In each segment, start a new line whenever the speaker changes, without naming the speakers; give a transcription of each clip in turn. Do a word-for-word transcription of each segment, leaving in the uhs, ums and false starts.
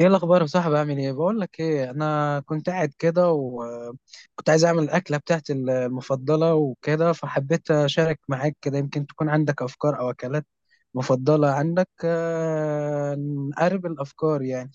ايه الاخبار يا صاحبي، عامل ايه؟ بقول لك ايه، انا كنت قاعد كده وكنت عايز اعمل الاكله بتاعتي المفضله وكده، فحبيت اشارك معاك كده يمكن تكون عندك افكار او اكلات مفضله عندك. آه، نقرب الافكار يعني.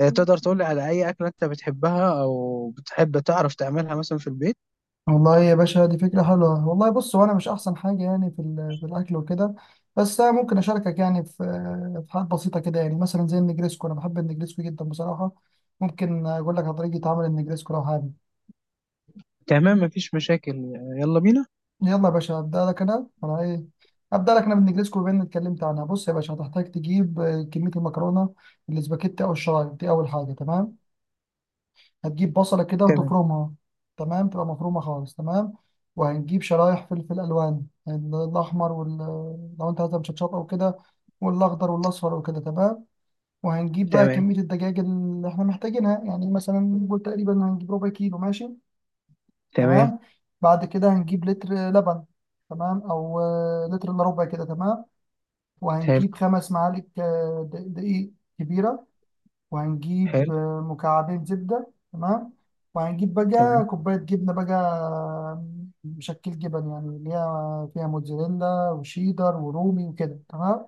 آه، تقدر تقول لي على اي اكله انت بتحبها او بتحب تعرف تعملها مثلا في البيت؟
والله يا باشا، دي فكرة حلوة والله. بص، هو أنا مش أحسن حاجة يعني في ال- في الأكل وكده. بس أنا ممكن أشاركك يعني في في حاجات بسيطة كده، يعني مثلا زي النجريسكو. أنا بحب النجريسكو جدا بصراحة. ممكن أقول لك على طريقة عمل النجريسكو لو حابب.
تمام، مفيش مشاكل. يلا بينا.
يلا يا باشا، أبدأ لك أنا أنا إيه أبدأ لك أنا بالنجريسكو بما إني اتكلمت عنها. بص يا باشا، هتحتاج تجيب آه، كمية المكرونة الاسباجيتي أو الشرايط دي، أول حاجة. تمام. هتجيب بصلة كده
تمام.
وتفرمها. تمام. تبقى مفرومة خالص. تمام. وهنجيب شرايح فلفل ألوان، يعني الأحمر وال لو أنت عايزها مشطشطة أو كده، والأخضر والأصفر وكده. تمام. وهنجيب بقى
تمام.
كمية الدجاج اللي إحنا محتاجينها، يعني مثلا نقول تقريبا هنجيب ربع كيلو. ماشي.
تمام.
تمام. بعد كده هنجيب لتر لبن. تمام. أو آه، لتر إلا ربع كده. تمام.
حلو.
وهنجيب خمس معالق آه، د- دقيق كبيرة. وهنجيب
حلو.
آه، مكعبين زبدة. تمام. وهنجيب
تمام.
بقى كوباية جبنة بقى، مشكل جبن، يعني اللي هي فيها موتزاريلا وشيدر ورومي وكده. تمام.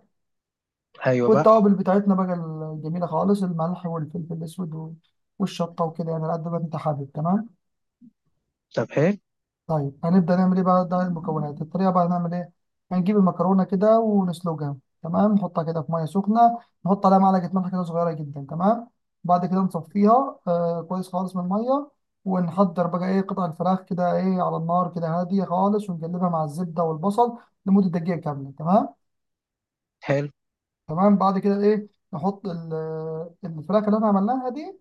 ايوه بقى.
والتوابل بتاعتنا بقى الجميلة خالص، الملح والفلفل الأسود والشطة وكده، يعني على قد ما أنت حابب. تمام.
طب حلو.
طيب، هنبدأ نعمل ايه بقى؟ ده المكونات. الطريقة بقى هنعمل ايه. هنجيب المكرونة كده ونسلقها. تمام. نحطها كده في مية سخنة، نحط عليها معلقة ملح كده صغيرة جدا. تمام. بعد كده نصفيها آه كويس خالص من المية، ونحضر بقى ايه قطع الفراخ كده ايه على النار كده هادية خالص، ونقلبها مع الزبدة والبصل لمدة دقيقة كاملة. تمام.
حلو.
تمام، بعد كده ايه، نحط ال- الفراخ اللي احنا عملناها دي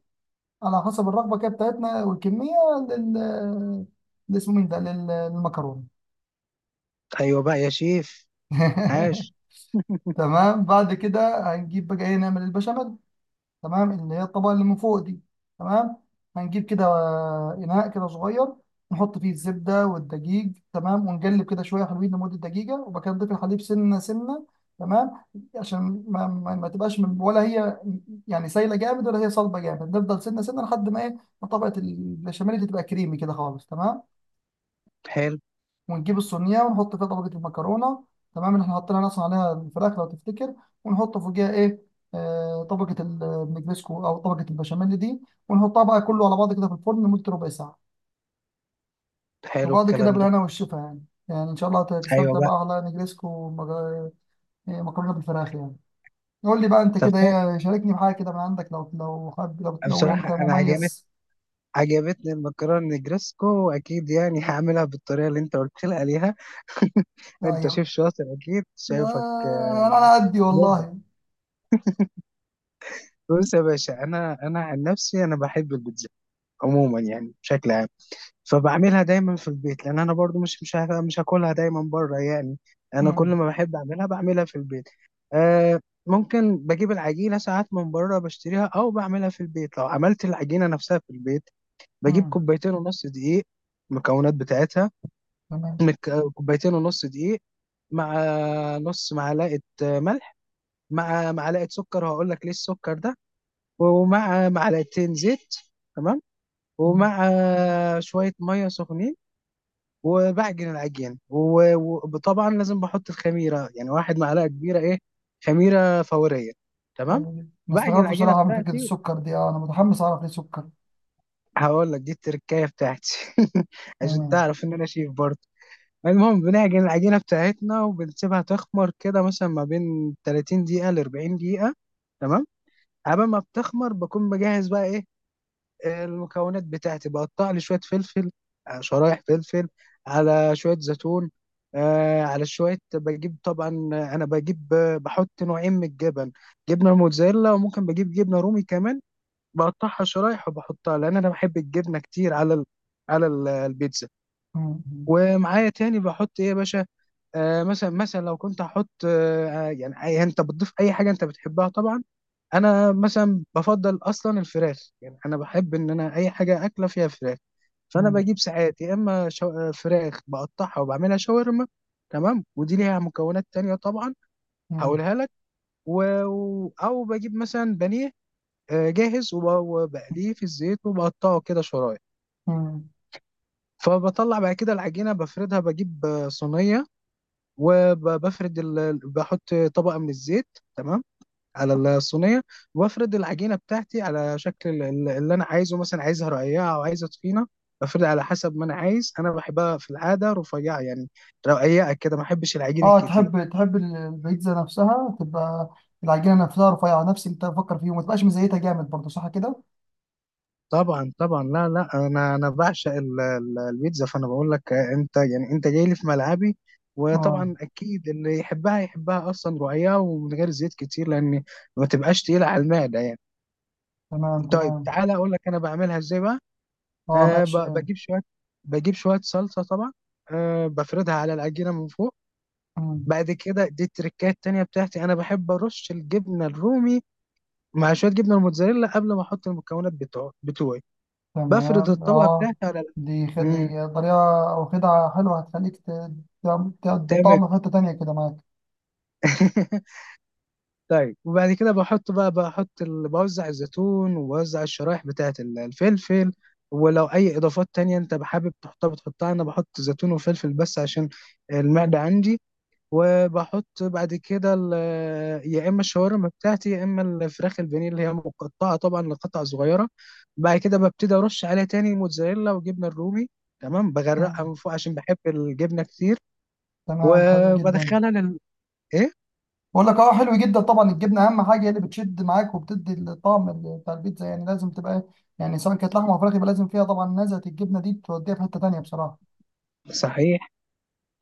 على حسب الرغبة كده بتاعتنا والكمية لل اللي اسمه مين ده لل- للمكرونة.
ايوه بقى يا شيف. عاش.
تمام. بعد كده هنجيب بقى ايه نعمل البشاميل. تمام، اللي هي الطبقه اللي من فوق دي. تمام. هنجيب كده آه، اناء كده صغير، نحط فيه الزبده والدقيق. تمام. ونقلب كده شويه حلوين لمده دقيقه، وبعد كده نضيف الحليب سنه سنه. تمام. عشان ما, ما, ما تبقاش من ولا هي يعني سايله جامد ولا هي صلبه جامد. نفضل سنه سنه لحد ما ايه ما طبقه البشاميل دي تبقى كريمي كده خالص. تمام.
حلو.
ونجيب الصينيه ونحط فيها طبقه المكرونه، تمام، اللي احنا حطينا اصلا عليها الفراخ لو تفتكر. ونحط فوقيها ايه آه طبقه ال- النجريسكو او طبقه البشاميل دي، ونحطها بقى كله على بعض كده في الفرن لمده ربع ساعه.
حلو
وبعد كده
الكلام ده.
بالهنا والشفا يعني. يعني ان شاء الله
ايوه
تستمتع
بقى.
بقى على نجريسكو ومج- إيه، مكرونه بالفراخ يعني. قول لي بقى انت
طب
كده
فعلا-
ايه، شاركني بحاجه كده من عندك لو لو حابب، لو, لو يعني،
بصراحه
انت
انا عجبت
مميز.
عجبتني المكرونه نجرسكو، واكيد يعني هعملها بالطريقه اللي انت قلت لي عليها.
لا،
انت
يا-
شيف شاطر اكيد، شايفك
آه، انا
آه،
على قدي
مبدع.
والله.
بص يا باشا، انا انا عن نفسي انا بحب البيتزا عموما يعني بشكل عام، فبعملها دايما في البيت لان انا برضو مش مش ه- مش هاكلها دايما بره يعني. انا كل
امم
ما بحب اعملها بعملها في البيت. آه. ممكن بجيب العجينه ساعات من بره بشتريها او بعملها في البيت. لو عملت العجينه نفسها في البيت بجيب
امم
كوبايتين ونص دقيق، المكونات بتاعتها.
تمام.
مك- كوبايتين ونص دقيق، مع نص معلقة ملح، مع معلقة سكر، وهقول لك ليه السكر ده، ومع معلقتين زيت. تمام. ومع شوية مية سخنين، وبعجن العجين و- وطبعا لازم بحط الخميره، يعني واحد معلقه كبيره ايه، خميره فوريه. تمام.
حلو جدا. انا
بعجن
استغربت
العجينه
بصراحه من فكره
بتاعتي،
السكر دي. اه، انا متحمس اعرف ليه سكر.
هقول لك دي التركايه بتاعتي عشان
تمام.
تعرف ان انا شيف برضه. المهم بنعجن العجينه بتاعتنا وبنسيبها تخمر كده مثلا ما بين تلاتين دقيقه ل اربعين دقيقه. تمام. قبل ما بتخمر بكون بجهز بقى ايه المكونات بتاعتي. بقطع لي شويه فلفل، آه، شرايح فلفل، على شويه زيتون، آه، على شويه بجيب طبعا، انا بجيب آه، بحط نوعين من الجبن، جبنه موتزاريلا وممكن بجيب جبنه رومي كمان. بقطعها شرايح وبحطها لان انا بحب الجبنه كتير على ال- على ال- البيتزا.
مم.
ومعايا تاني بحط ايه يا باشا، آه مثلا مثلا لو كنت هحط آه آه، يعني أي- انت بتضيف اي حاجه انت بتحبها طبعا. انا مثلا بفضل اصلا الفراخ، يعني انا بحب ان انا اي حاجه اكله فيها فراخ. فانا
مم.
بجيب ساعات يا اما شو... آه، فراخ بقطعها وبعملها شاورما. تمام، ودي ليها مكونات تانية طبعا،
مم.
هقولها لك. و... و- او بجيب مثلا بانيه آه، جاهز، وب- وبقليه في الزيت وبقطعه كده شرايح.
مم.
فبطلع بعد كده العجينه بفردها، بجيب آه، صينيه، وبفرد ال... بحط طبقة من الزيت. تمام، على الصينية. وبفرد العجينة بتاعتي على شكل ال- ال- اللي أنا عايزه، مثلا عايزها رقيقة أو عايزها تخينة، بفرد على حسب ما أنا عايز. أنا بحبها في العادة رفيعة يعني، رقيقة كده، ما بحبش العجين
اه،
الكتير.
تحب تحب ال- البيتزا نفسها تبقى العجينه نفسها رفيعه، نفس اللي انت بتفكر فيه، وما تبقاش مزيتها جامد برضه، صح كده؟
طبعا طبعا، لا لا، أنا أنا بعشق ال- ال- البيتزا، فأنا بقول لك آه، أنت يعني أنت جاي لي في ملعبي.
اه.
وطبعا اكيد اللي يحبها يحبها اصلا رقيقه ومن غير زيت كتير، لان ما تبقاش تقيله على المعده يعني.
تمام
طيب
تمام.
تعالى اقول لك انا بعملها ازاي بقى.
اه
أه
ماشي.
ب- بجيب شويه، بجيب شويه صلصه طبعا، أه بفردها على العجينه من فوق.
مم.
بعد كده دي التركات التانية بتاعتي: انا بحب ارش الجبنه الرومي مع شويه جبنه الموتزاريلا قبل ما احط المكونات بتوع بتوعي. بفرد
تمام.
الطبقه
اه.
بتاعتي على ال-
دي خد دي
مم.
طريقه او خدعه حلوه هتخليك ت- تعم- تعد-
تمام.
طعم في حته تانيه كده معاك.
طيب، وبعد كده بحط بقى بحط ال... بوزع الزيتون وبوزع الشرايح بتاعة ال- الفلفل. ولو أي إضافات تانية أنت حابب تحطها بتحطها. أنا بحط زيتون وفلفل بس عشان المعدة عندي. وبحط بعد كده ال... يا إما الشاورما بتاعتي يا إما الفراخ البانيه اللي هي مقطعة طبعا لقطع صغيرة. بعد كده ببتدي أرش عليها تاني موتزاريلا وجبنة الرومي. تمام، بغرقها من
مم.
فوق عشان بحب الجبنة كتير.
تمام. حلو جدا.
وبدخلها لل إيه؟
بقول لك اه، حلو جدا طبعا. الجبنه اهم حاجه، هي اللي بتشد معاك وبتدي الطعم ال- بتاع البيتزا، يعني لازم تبقى يعني، سواء كانت لحمه او فراخ، يبقى لازم فيها طبعا. نزهه الجبنه دي بتوديها في حته تانيه بصراحه.
صحيح.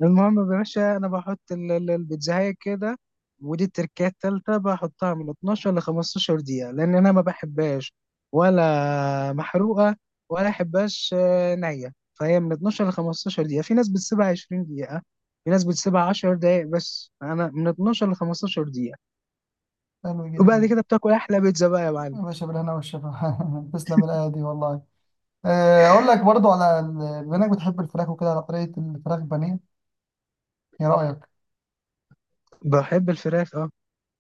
المهم يا باشا، انا بحط ال- ال- البيتزاية كده. ودي التركية التالتة: بحطها من اتناشر ل خمسة عشر دقيقة، لأن أنا ما بحبهاش ولا محروقة ولا أحبهاش آه، نية. فهي من اثنا عشر ل خمستاشر دقيقة، في ناس بتسيبها عشرين دقيقة، في ناس بتسيبها عشر دقايق، بس أنا من اتناشر ل خمسة عشر دقيقة.
حلو
وبعد
جدا.
كده بتاكل أحلى بيتزا بقى يا معلم.
يا باشا، بالهنا والشفا. تسلم الايه دي والله. آه، اقول لك برضو على ال- بما انك بتحب الفراخ وكده على طريقه الفراخ بانيه. ايه رايك؟
بحب الفراخ أه.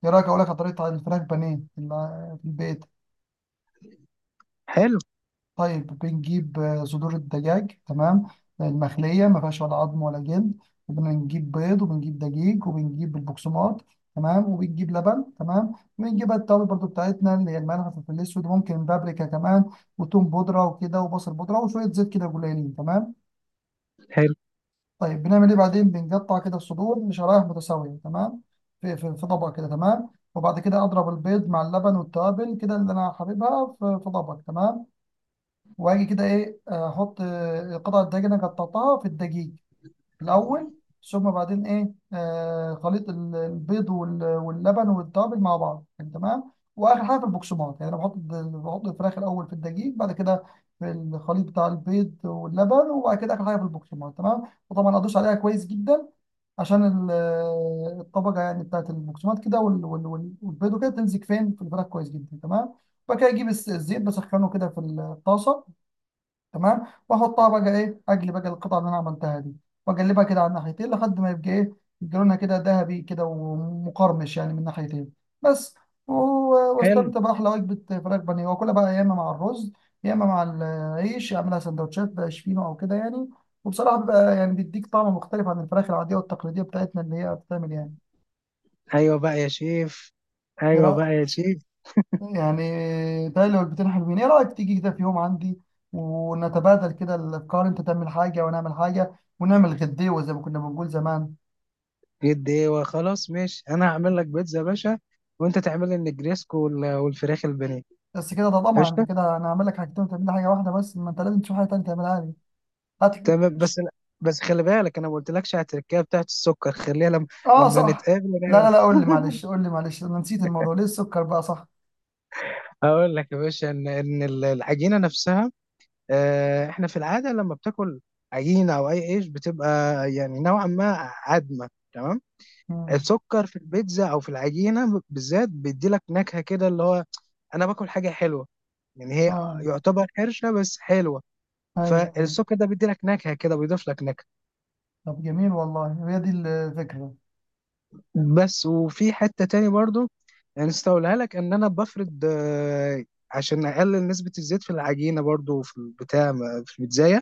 ايه رايك اقول لك على طريقه الفراخ بانيه اللي في البيت؟
حلو.
طيب، بنجيب آه، صدور الدجاج. تمام، المخلية، ما فيهاش ولا عظم ولا جلد. وبنجيب بيض، وبنجيب دقيق، وبنجيب البقسماط. تمام. وبنجيب لبن. تمام. وبنجيب بقى التوابل برضو بتاعتنا اللي هي الملح والفلفل الأسود، وممكن بابريكا كمان، وتوم بودرة وكده، وبصل بودرة، وشوية زيت كده قليلين. تمام.
حلو.
طيب، بنعمل إيه بعدين؟ بنقطع كده الصدور لشرايح متساوية. تمام. في في في طبق كده. تمام. وبعد كده أضرب البيض مع اللبن والتوابل كده اللي أنا حاببها في في طبق. تمام. واجي كده ايه، احط آه، القطع الدجاج انا قطعتها في الدقيق الاول. ثم بعدين ايه آه خليط ال- البيض وال- واللبن والتوابل مع بعض يعني. تمام. واخر حاجه في البقسماط، يعني انا بحط الد- بحط الفراخ الاول في الدقيق، بعد كده في الخليط بتاع البيض واللبن، وبعد كده اخر حاجه في البقسماط. تمام. وطبعا ادوس عليها كويس جدا، عشان ال- آه، الطبقه يعني بتاعت البقسماط كده وال- وال- وال- والبيض وكده تمسك فين في الفراخ كويس جدا. تمام. بعد كده اجيب الس- الزيت بسخنه كده في الطاسه. تمام. واحطها بقى ايه، اجلي بقى القطعه اللي انا عملتها دي، واقلبها كده على الناحيتين لحد ما يبقى ايه لونها كده ذهبي كده ومقرمش، يعني من ناحيتين بس. و-
حلو.
واستمتع باحلى وجبه فراخ بانيه، واكلها بقى يا اما مع الرز، يا اما مع العيش، اعملها سندوتشات بقى شفينو او كده يعني. وبصراحه بيبقى يعني بيديك طعم مختلف عن الفراخ العاديه والتقليديه بتاعتنا اللي هي بتتعمل يعني.
أيوه بقى يا شيف.
ايه
أيوه بقى
رأيك؟
يا شيف.
يعني تالي وجبتين حلوين، ايه رأيك تيجي كده في يوم عندي ونتبادل كده الافكار، انت تعمل حاجة ونعمل حاجة، ونعمل غديوة زي ما كنا بنقول زمان.
جد ايه؟ وخلاص ماشي، انا هعمل لك بيتزا يا باشا، وانت تعمل لي النجريسكو وال- والفراخ البانيه.
بس كده؟ ده طبعا انت
قشطه.
كده انا هعمل لك حاجتين وتعمل لي حاجة واحدة بس، ما انت لازم تشوف حاجة تانية تعملها لي. هات لي.
تمام. بس بس خلي بالك، انا ما قلتلكش على التركية بتاعت السكر، خليها لما
اه
لما
صح.
نتقابل
لا
نعمل.
لا لا، قول لي معلش، قول لي معلش، انا نسيت الموضوع، ليه السكر بقى؟ صح.
هقول لك يا باشا ان ان ال- العجينه نفسها، آه، احنا في العاده لما بتاكل عجينه او اي عيش بتبقى يعني نوعا ما عدمه. تمام.
مم.
السكر في البيتزا او في العجينه بالذات بيدي لك نكهه كده، اللي هو انا باكل حاجه حلوه يعني، هي
اه،
يعتبر حرشه بس حلوه.
ايوه ايوه.
فالسكر ده بيدي لك نكهه كده، بيضيف لك نكهه
طب جميل والله، هي دي الفكرة.
بس. وفي حته تاني برضو نسيت اقولها لك، ان انا بفرد آه، عشان اقلل نسبه الزيت في العجينه برضو في البتاع في البيتزايه،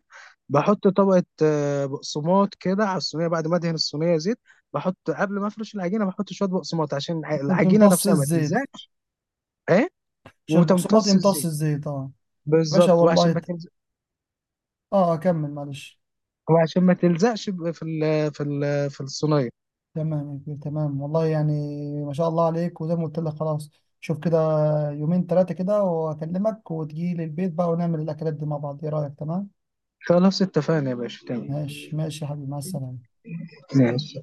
بحط طبقه آه، بقسماط كده على الصينيه بعد ما ادهن الصينيه زيت. بحط قبل ما افرش العجينه بحط شويه بقسماط عشان الع-
انت
العجينه
تمتص
نفسها ما
الزيت؟
تلزقش. ايه؟
عشان البقسماط
وتمتص
يمتص
الزيت،
الزيت، اه. باشا
بالظبط،
والله
وعشان ما
ت-
تلزق،
اه، كمل معلش.
وعشان ما تلزقش ب- في ال في ال في الصينيه.
تمام يا كبير، تمام والله يعني، ما شاء الله عليك. وزي ما قلت لك خلاص، شوف كده، يومين ثلاثة كده وأكلمك وتجي لي البيت بقى ونعمل الأكلات دي مع بعض. إيه رأيك؟ تمام؟
خلاص اتفقنا يا باشا، تمام.
ماشي ماشي يا حبيبي، مع السلامة.
ماشي.